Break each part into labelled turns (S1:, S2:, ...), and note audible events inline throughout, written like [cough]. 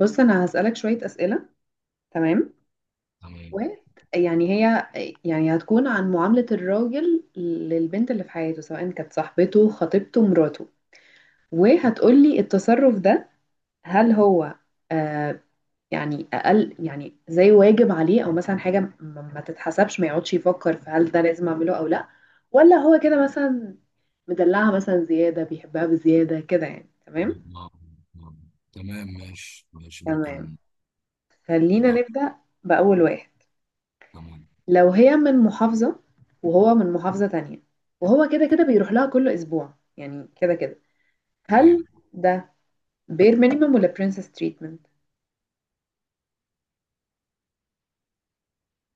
S1: بص انا هسألك شوية أسئلة. تمام.
S2: تمام.
S1: ويعني هي يعني هتكون عن معاملة الراجل للبنت اللي في حياته، سواء كانت صاحبته، خطيبته، مراته، وهتقولي التصرف ده هل هو آه يعني أقل، يعني زي واجب عليه، أو مثلا حاجة ما تتحسبش، ما يقعدش يفكر في هل ده لازم أعمله أو لأ، ولا هو كده مثلا مدلعها، مثلا زيادة، بيحبها بزيادة كده يعني. تمام
S2: آه، آه. تمام، ماشي ماشي،
S1: تمام،
S2: ممكن
S1: خلينا
S2: نجرب.
S1: نبدأ بأول واحد.
S2: تمام.
S1: لو هي من محافظة وهو من محافظة تانية، وهو كده كده بيروح لها كل أسبوع، يعني كده كده هل
S2: ايوه،
S1: ده بير مينيمم ولا برنسس تريتمنت؟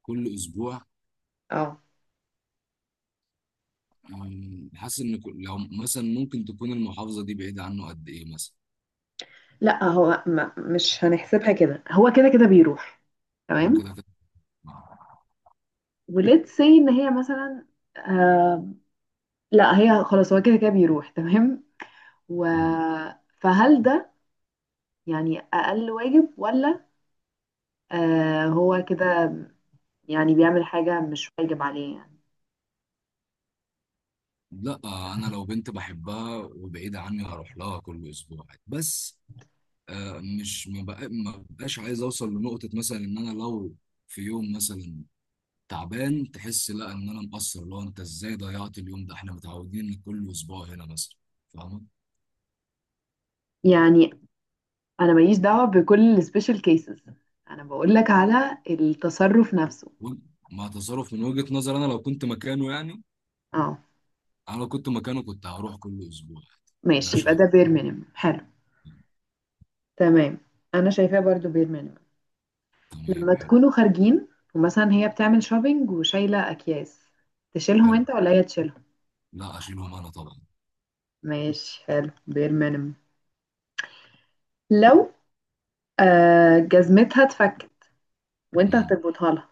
S2: كل اسبوع.
S1: اه
S2: حاسس ان لو مثلا ممكن تكون المحافظه دي بعيده عنه قد ايه مثلا.
S1: لا، هو ما مش هنحسبها كده، هو كده كده بيروح.
S2: هو
S1: تمام.
S2: كده كده.
S1: وليتس سي ان هي مثلا آه لا، هي خلاص هو كده كده بيروح. تمام. و
S2: مم.
S1: فهل ده يعني أقل واجب ولا آه هو كده يعني بيعمل حاجة مش واجب عليه يعني.
S2: لا آه، انا لو بنت بحبها وبعيده عني هروح لها كل اسبوع عادي. بس آه، مش ما بقى- ما بقاش عايز اوصل لنقطه، مثلا ان انا لو في يوم مثلا تعبان تحس لا ان انا مقصر، لو انت ازاي ضيعت اليوم ده، احنا متعودين إن كل اسبوع هنا مثلا. فاهمه؟
S1: يعني انا ماليش دعوه بكل السبيشال كيسز، انا بقول لك على التصرف نفسه.
S2: و- مع تصرف من وجهة نظر انا لو كنت مكانه يعني.
S1: اه.
S2: انا لو كنت مكانه كنت هروح كل اسبوع عادي. ده
S1: ماشي، يبقى
S2: شايف.
S1: ده بير مينيمم، حلو. تمام، انا شايفاه برضو بير مينيمم.
S2: تمام،
S1: لما
S2: حلو.
S1: تكونوا خارجين ومثلا هي بتعمل شوبينج وشايله اكياس، تشيلهم
S2: حلو.
S1: انت ولا هي تشيلهم؟
S2: لا اشيلهم انا طبعا.
S1: ماشي حلو، بير مينيمم. لو آه جزمتها اتفكت، وانت
S2: مم.
S1: هتربطها لها؟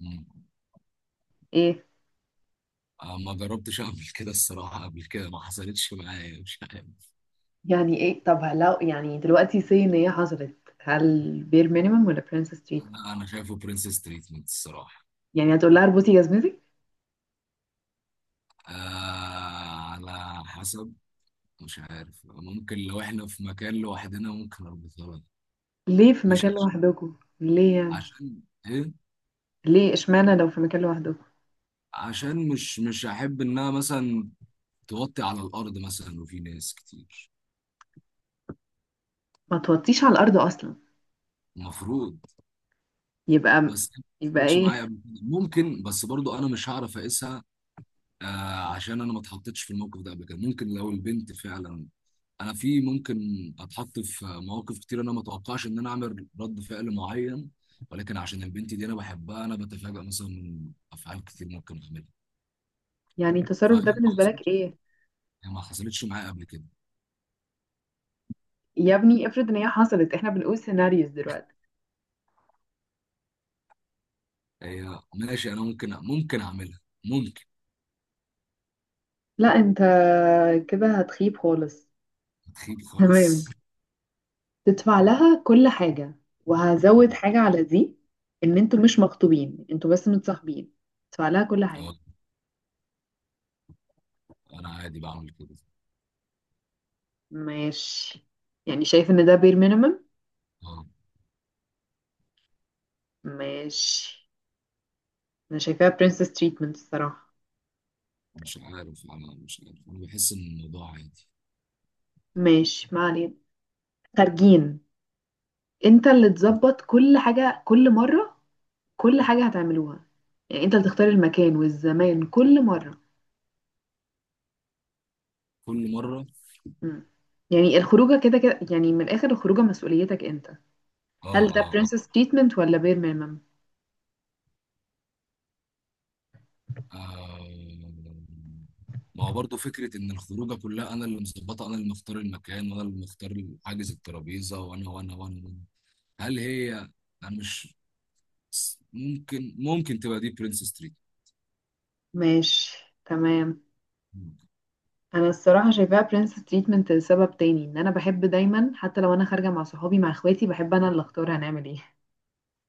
S2: مم.
S1: ايه؟
S2: أنا ما جربتش اعمل كده الصراحه، قبل كده ما حصلتش معايا، مش عارف.
S1: يعني ايه، طب لو يعني دلوقتي سي ان هي حصلت، هل بير مينيمم ولا برنسس تريت؟
S2: انا شايفه برنسس تريتمنت الصراحه.
S1: يعني هتقول لها اربطي جزمتك؟
S2: آه، على حسب. مش عارف، ممكن لو احنا في مكان لوحدنا ممكن اربطها لها.
S1: ليه في
S2: مش
S1: مكان
S2: عشان،
S1: لوحدكم ليه يعني؟
S2: عشان ايه،
S1: ليه، اشمعنى لو في مكان لوحدكم؟
S2: عشان مش احب انها مثلا توطي على الارض مثلا وفي ناس كتير.
S1: ما توطيش على الارض اصلا.
S2: المفروض.
S1: يبقى
S2: بس ما
S1: يبقى
S2: حصلتش
S1: ايه؟
S2: معايا قبل كده. ممكن، بس برضو انا مش هعرف اقيسها. آه، عشان انا ما اتحطيتش في الموقف ده قبل كده. ممكن لو البنت فعلا، انا في ممكن اتحط في مواقف كتير انا ما اتوقعش ان انا اعمل رد فعل معين، ولكن عشان البنت دي انا بحبها انا بتفاجئ مثلا من افعال كتير ممكن اعملها.
S1: يعني
S2: فهي
S1: التصرف ده
S2: ما
S1: بالنسبه لك
S2: حصلتش،
S1: ايه؟
S2: هي ما حصلتش معايا قبل كده.
S1: يا ابني افرض ان هي حصلت، احنا بنقول سيناريوز دلوقتي.
S2: هي ماشي، انا ممكن، ممكن اعملها.
S1: لا انت كده هتخيب خالص.
S2: تخيل خالص.
S1: تمام. تدفع لها كل حاجه، وهزود حاجه على دي، ان انتوا مش مخطوبين، انتوا بس متصاحبين، تدفع لها كل حاجه.
S2: آه، انا عادي بعمل كده.
S1: ماشي، يعني شايف ان ده بير مينيمم؟
S2: اه،
S1: ماشي، انا شايفاها برنسس تريتمنت الصراحه.
S2: مش عارف، انا مش عارف، انا بحس ان الموضوع عادي.
S1: ماشي، ما علينا. خارجين، انت اللي تظبط كل حاجة كل مرة، كل حاجة هتعملوها، يعني انت اللي تختار المكان والزمان كل مرة.
S2: كل مره.
S1: مم. يعني الخروجة كده كده، يعني من الآخر الخروجة مسؤوليتك انت،
S2: اه
S1: هل ده
S2: اه اه.
S1: برنسس تريتمنت ولا بير ميمم؟
S2: آه، ما هو برضه فكره ان الخروجه كلها انا اللي مظبطه، انا اللي مختار المكان، وانا اللي مختار حاجز الترابيزه، وانا وانا وانا وأنا. هل هي، انا مش، ممكن تبقى دي برنس ستريت.
S1: ماشي تمام. انا الصراحة شايفاها برنسس تريتمنت لسبب تاني، ان انا بحب دايما حتى لو انا خارجة مع صحابي، مع اخواتي، بحب انا اللي اختار هنعمل ايه.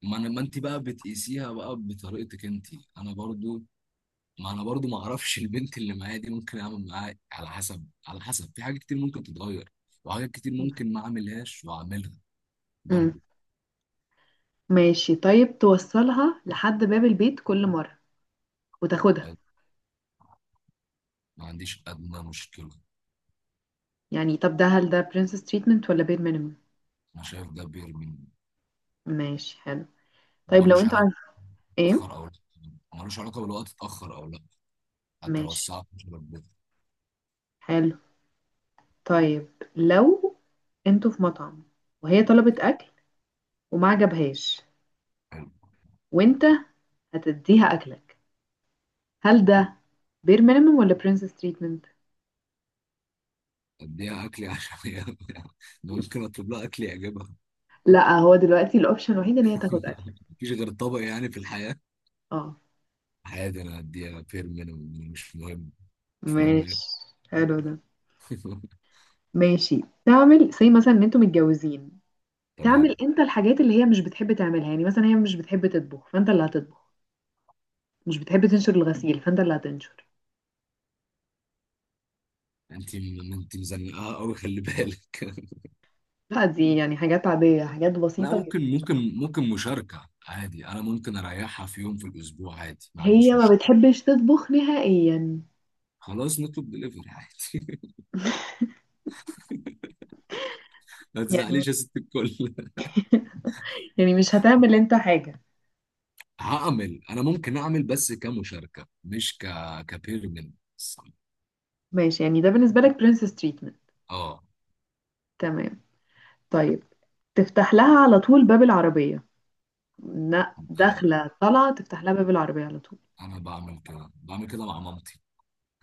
S2: ما انت بقى بتقيسيها بقى بطريقتك انت. انا برضو، ما اعرفش البنت اللي معايا دي ممكن اعمل معاها على حسب، على حسب. في حاجات كتير ممكن تتغير وحاجات كتير ممكن ما اعملهاش واعملها
S1: مم.
S2: برضو.
S1: ماشي، طيب توصلها لحد باب البيت كل مرة وتاخدها،
S2: ما عنديش ادنى مشكله.
S1: يعني طب ده هل ده برنسس تريتمنت ولا بير مينيمم؟
S2: انا شايف ده بيرمي.
S1: ماشي حلو. طيب لو
S2: ملوش
S1: انتوا،
S2: علاقه،
S1: عارف؟ ايه؟
S2: اتاخر او لا. ملوش علاقه بالوقت، اتاخر او لا. حتى لو
S1: ماشي
S2: الساعه 12 بالليل.
S1: حلو. طيب لو انتوا في مطعم، وهي طلبت اكل وما عجبهاش،
S2: حلو.
S1: وانت هتديها اكلك، هل ده بير مينيمم ولا برنسس تريتمنت؟
S2: اديها اكلي عشان هي [laughs] ده ممكن اطلب لها اكل يعجبها.
S1: لا هو دلوقتي الاوبشن الوحيد ان هي تاخد اكل.
S2: [laughs] مفيش غير طبق يعني في الحياه؟
S1: اه.
S2: عادي، انا هديها فير مينيمم، مش مهم. مش مهم
S1: ماشي
S2: يعني.
S1: حلو ده.
S2: [laughs]
S1: ماشي. تعمل زي مثلا ان انتوا متجوزين،
S2: تمام.
S1: تعمل انت الحاجات اللي هي مش بتحب تعملها، يعني مثلا هي مش بتحب تطبخ فانت اللي هتطبخ، مش بتحب تنشر الغسيل فانت اللي هتنشر.
S2: انت مزنقها قوي، خلي بالك. [laughs]
S1: لا دي يعني حاجات عادية، حاجات
S2: لا،
S1: بسيطة جدا.
S2: ممكن مشاركه عادي. انا ممكن اريحها في يوم في الاسبوع عادي، ما
S1: هي
S2: عنديش
S1: ما
S2: مشكله.
S1: بتحبش تطبخ نهائيا.
S2: خلاص نطلب دليفري عادي. [laughs] ما
S1: يعني
S2: تزعليش يا ست الكل. [laughs]
S1: يعني مش هتعمل انت حاجة؟
S2: هعمل انا، ممكن اعمل بس كمشاركه، مش كبيرمنت.
S1: ماشي، يعني ده بالنسبة لك برنسس تريتمنت.
S2: اه،
S1: تمام. طيب تفتح لها على طول باب العربية، لا داخلة طالعة تفتح لها باب العربية على طول.
S2: انا بعمل كده، بعمل كده مع مامتي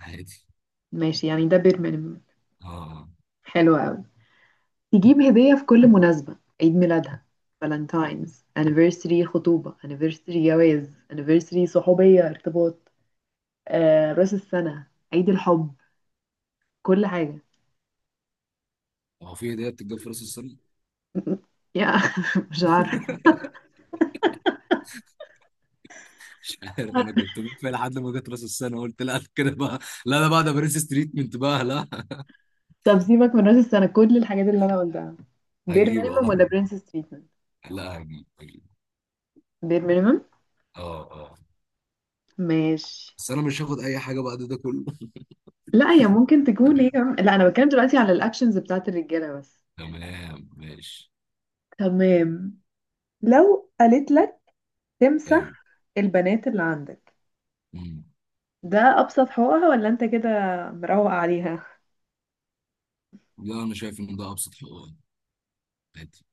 S2: عادي.
S1: ماشي، يعني ده بير مينيمم.
S2: اه،
S1: حلو قوي. تجيب هدية في كل مناسبة، عيد ميلادها، فالنتاينز، anniversary خطوبة، anniversary جواز، anniversary صحوبية ارتباط، راس السنة، عيد الحب، كل حاجة.
S2: هو في هديه بتتجاب في راس السنه؟
S1: [laughs] يا، مش عارفة.
S2: عارف، انا كنت في، لحد ما جت راس السنه قلت لا كده بقى. لا انا بعد برنس ستريتمنت بقى، لا.
S1: طب سيبك من راس السنة، كل الحاجات اللي أنا قلتها بير
S2: هجيب،
S1: مينيمم
S2: اه،
S1: ولا برنسس تريتمنت؟
S2: لا هجيب، هجيب.
S1: بير مينيمم.
S2: اه اه.
S1: ماشي.
S2: بس انا مش هاخد اي حاجه بعد ده كله.
S1: لا، هي ممكن تكون هي
S2: [laughs]
S1: كمان- لا أنا بتكلم دلوقتي على الأكشنز بتاعت الرجالة بس.
S2: تمام ماشي.
S1: تمام. لو قالت لك تمسح
S2: ايوه.
S1: البنات اللي عندك،
S2: امم.
S1: ده أبسط حقوقها ولا أنت كده مروق عليها؟
S2: لا، انا شايف ان ده ابسط حقوق، عادي.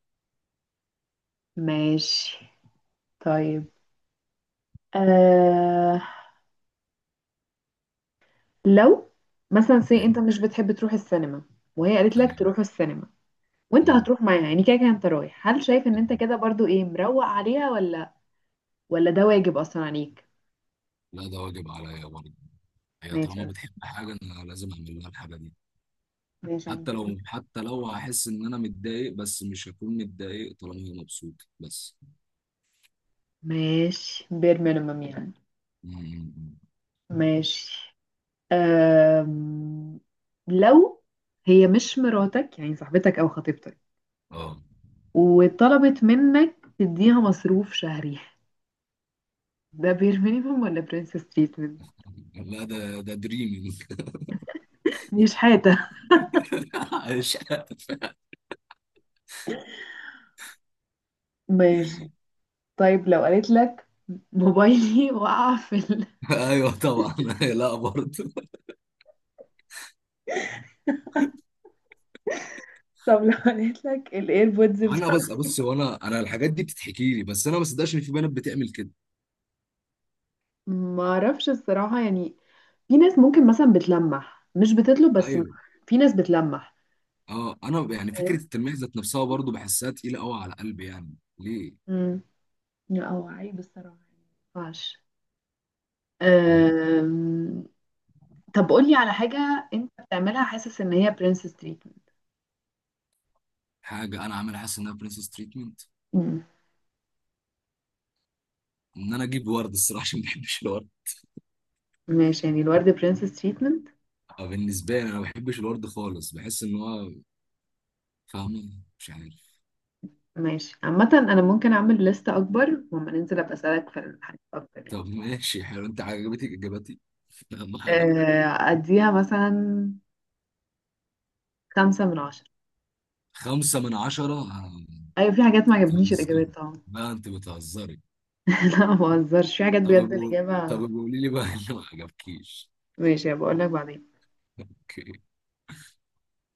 S1: ماشي. طيب، آه... لو مثلا سي انت
S2: ايوه.
S1: مش بتحب تروح السينما، وهي قالت لك
S2: تمام.
S1: تروح السينما، وانت
S2: امم.
S1: هتروح معاها، يعني كده كده انت رايح، هل شايف ان انت
S2: تمام.
S1: كده برضو ايه، مروق عليها ولا، ولا ده واجب اصلا عليك؟
S2: لا ده واجب عليا برضه. هي
S1: ماشي.
S2: طالما بتحب حاجه انا لازم اعمل لها الحاجه دي.
S1: ماشي، يعني
S2: حتى لو، حتى لو هحس ان انا متضايق، بس مش هكون متضايق طالما هي مبسوطه بس.
S1: ماشي بير مينيمم يعني.
S2: امم. أمم.
S1: ماشي. أم... لو هي مش مراتك، يعني صاحبتك او خطيبتك،
S2: اه.
S1: وطلبت منك تديها مصروف شهري، ده بير مينيمم ولا برنسس تريتمنت؟
S2: لا ده ده دريمينج
S1: مش حاجة.
S2: عايش. [laughs]
S1: ماشي. طيب لو قالت لك موبايلي [laughs] وقع في ال...
S2: ايوه طبعا. [laughs] لا برضه.
S1: طب لو قالت لك الايربودز
S2: انا
S1: بتاع،
S2: بس بص، هو انا الحاجات دي بتتحكي لي، بس انا ما صدقش ان في بنات بتعمل كده.
S1: ما اعرفش الصراحة يعني. في ناس ممكن مثلا بتلمح، مش بتطلب بس.
S2: ايوه.
S1: في ناس بتلمح.
S2: اه، انا يعني فكره
S1: فاهم؟
S2: التلميح ذات نفسها برضه بحسها تقيله قوي على قلبي، يعني ليه؟
S1: مم. لا هو عيب الصراحة. ماشي.
S2: مم.
S1: أم... طب قولي على حاجة انت بتعملها حاسس ان هي برنسس تريتمنت.
S2: حاجه انا عامل حاسس انها برنسس تريتمنت؟
S1: امم.
S2: ان انا اجيب ورد الصراحه، عشان ما بحبش الورد.
S1: ماشي، يعني الورد برنسس تريتمنت.
S2: آه، بالنسبه لي انا ما بحبش الورد خالص، بحس ان هو، فاهمه؟ مش عارف.
S1: ماشي، عامة انا ممكن اعمل لستة اكبر، وما ننزل ابقى اسألك في الحاجات اكتر.
S2: طب ماشي حلو، انت عجبتك اجابتي؟ [laughs] اهم حاجه.
S1: أديها مثلا 5 من 10.
S2: خمسه من عشره آه،
S1: أيوة، في حاجات ما عجبتنيش
S2: بتهزري؟
S1: الإجابات طبعا.
S2: لا انت بتهزري.
S1: [laughs] لا ما بهزرش، في حاجات
S2: طب
S1: بجد
S2: قول- طب
S1: الإجابة.
S2: قولي لي بقى اللي ما عجبكيش.
S1: ماشي هبقول لك بعدين.
S2: [laughs] اوكي.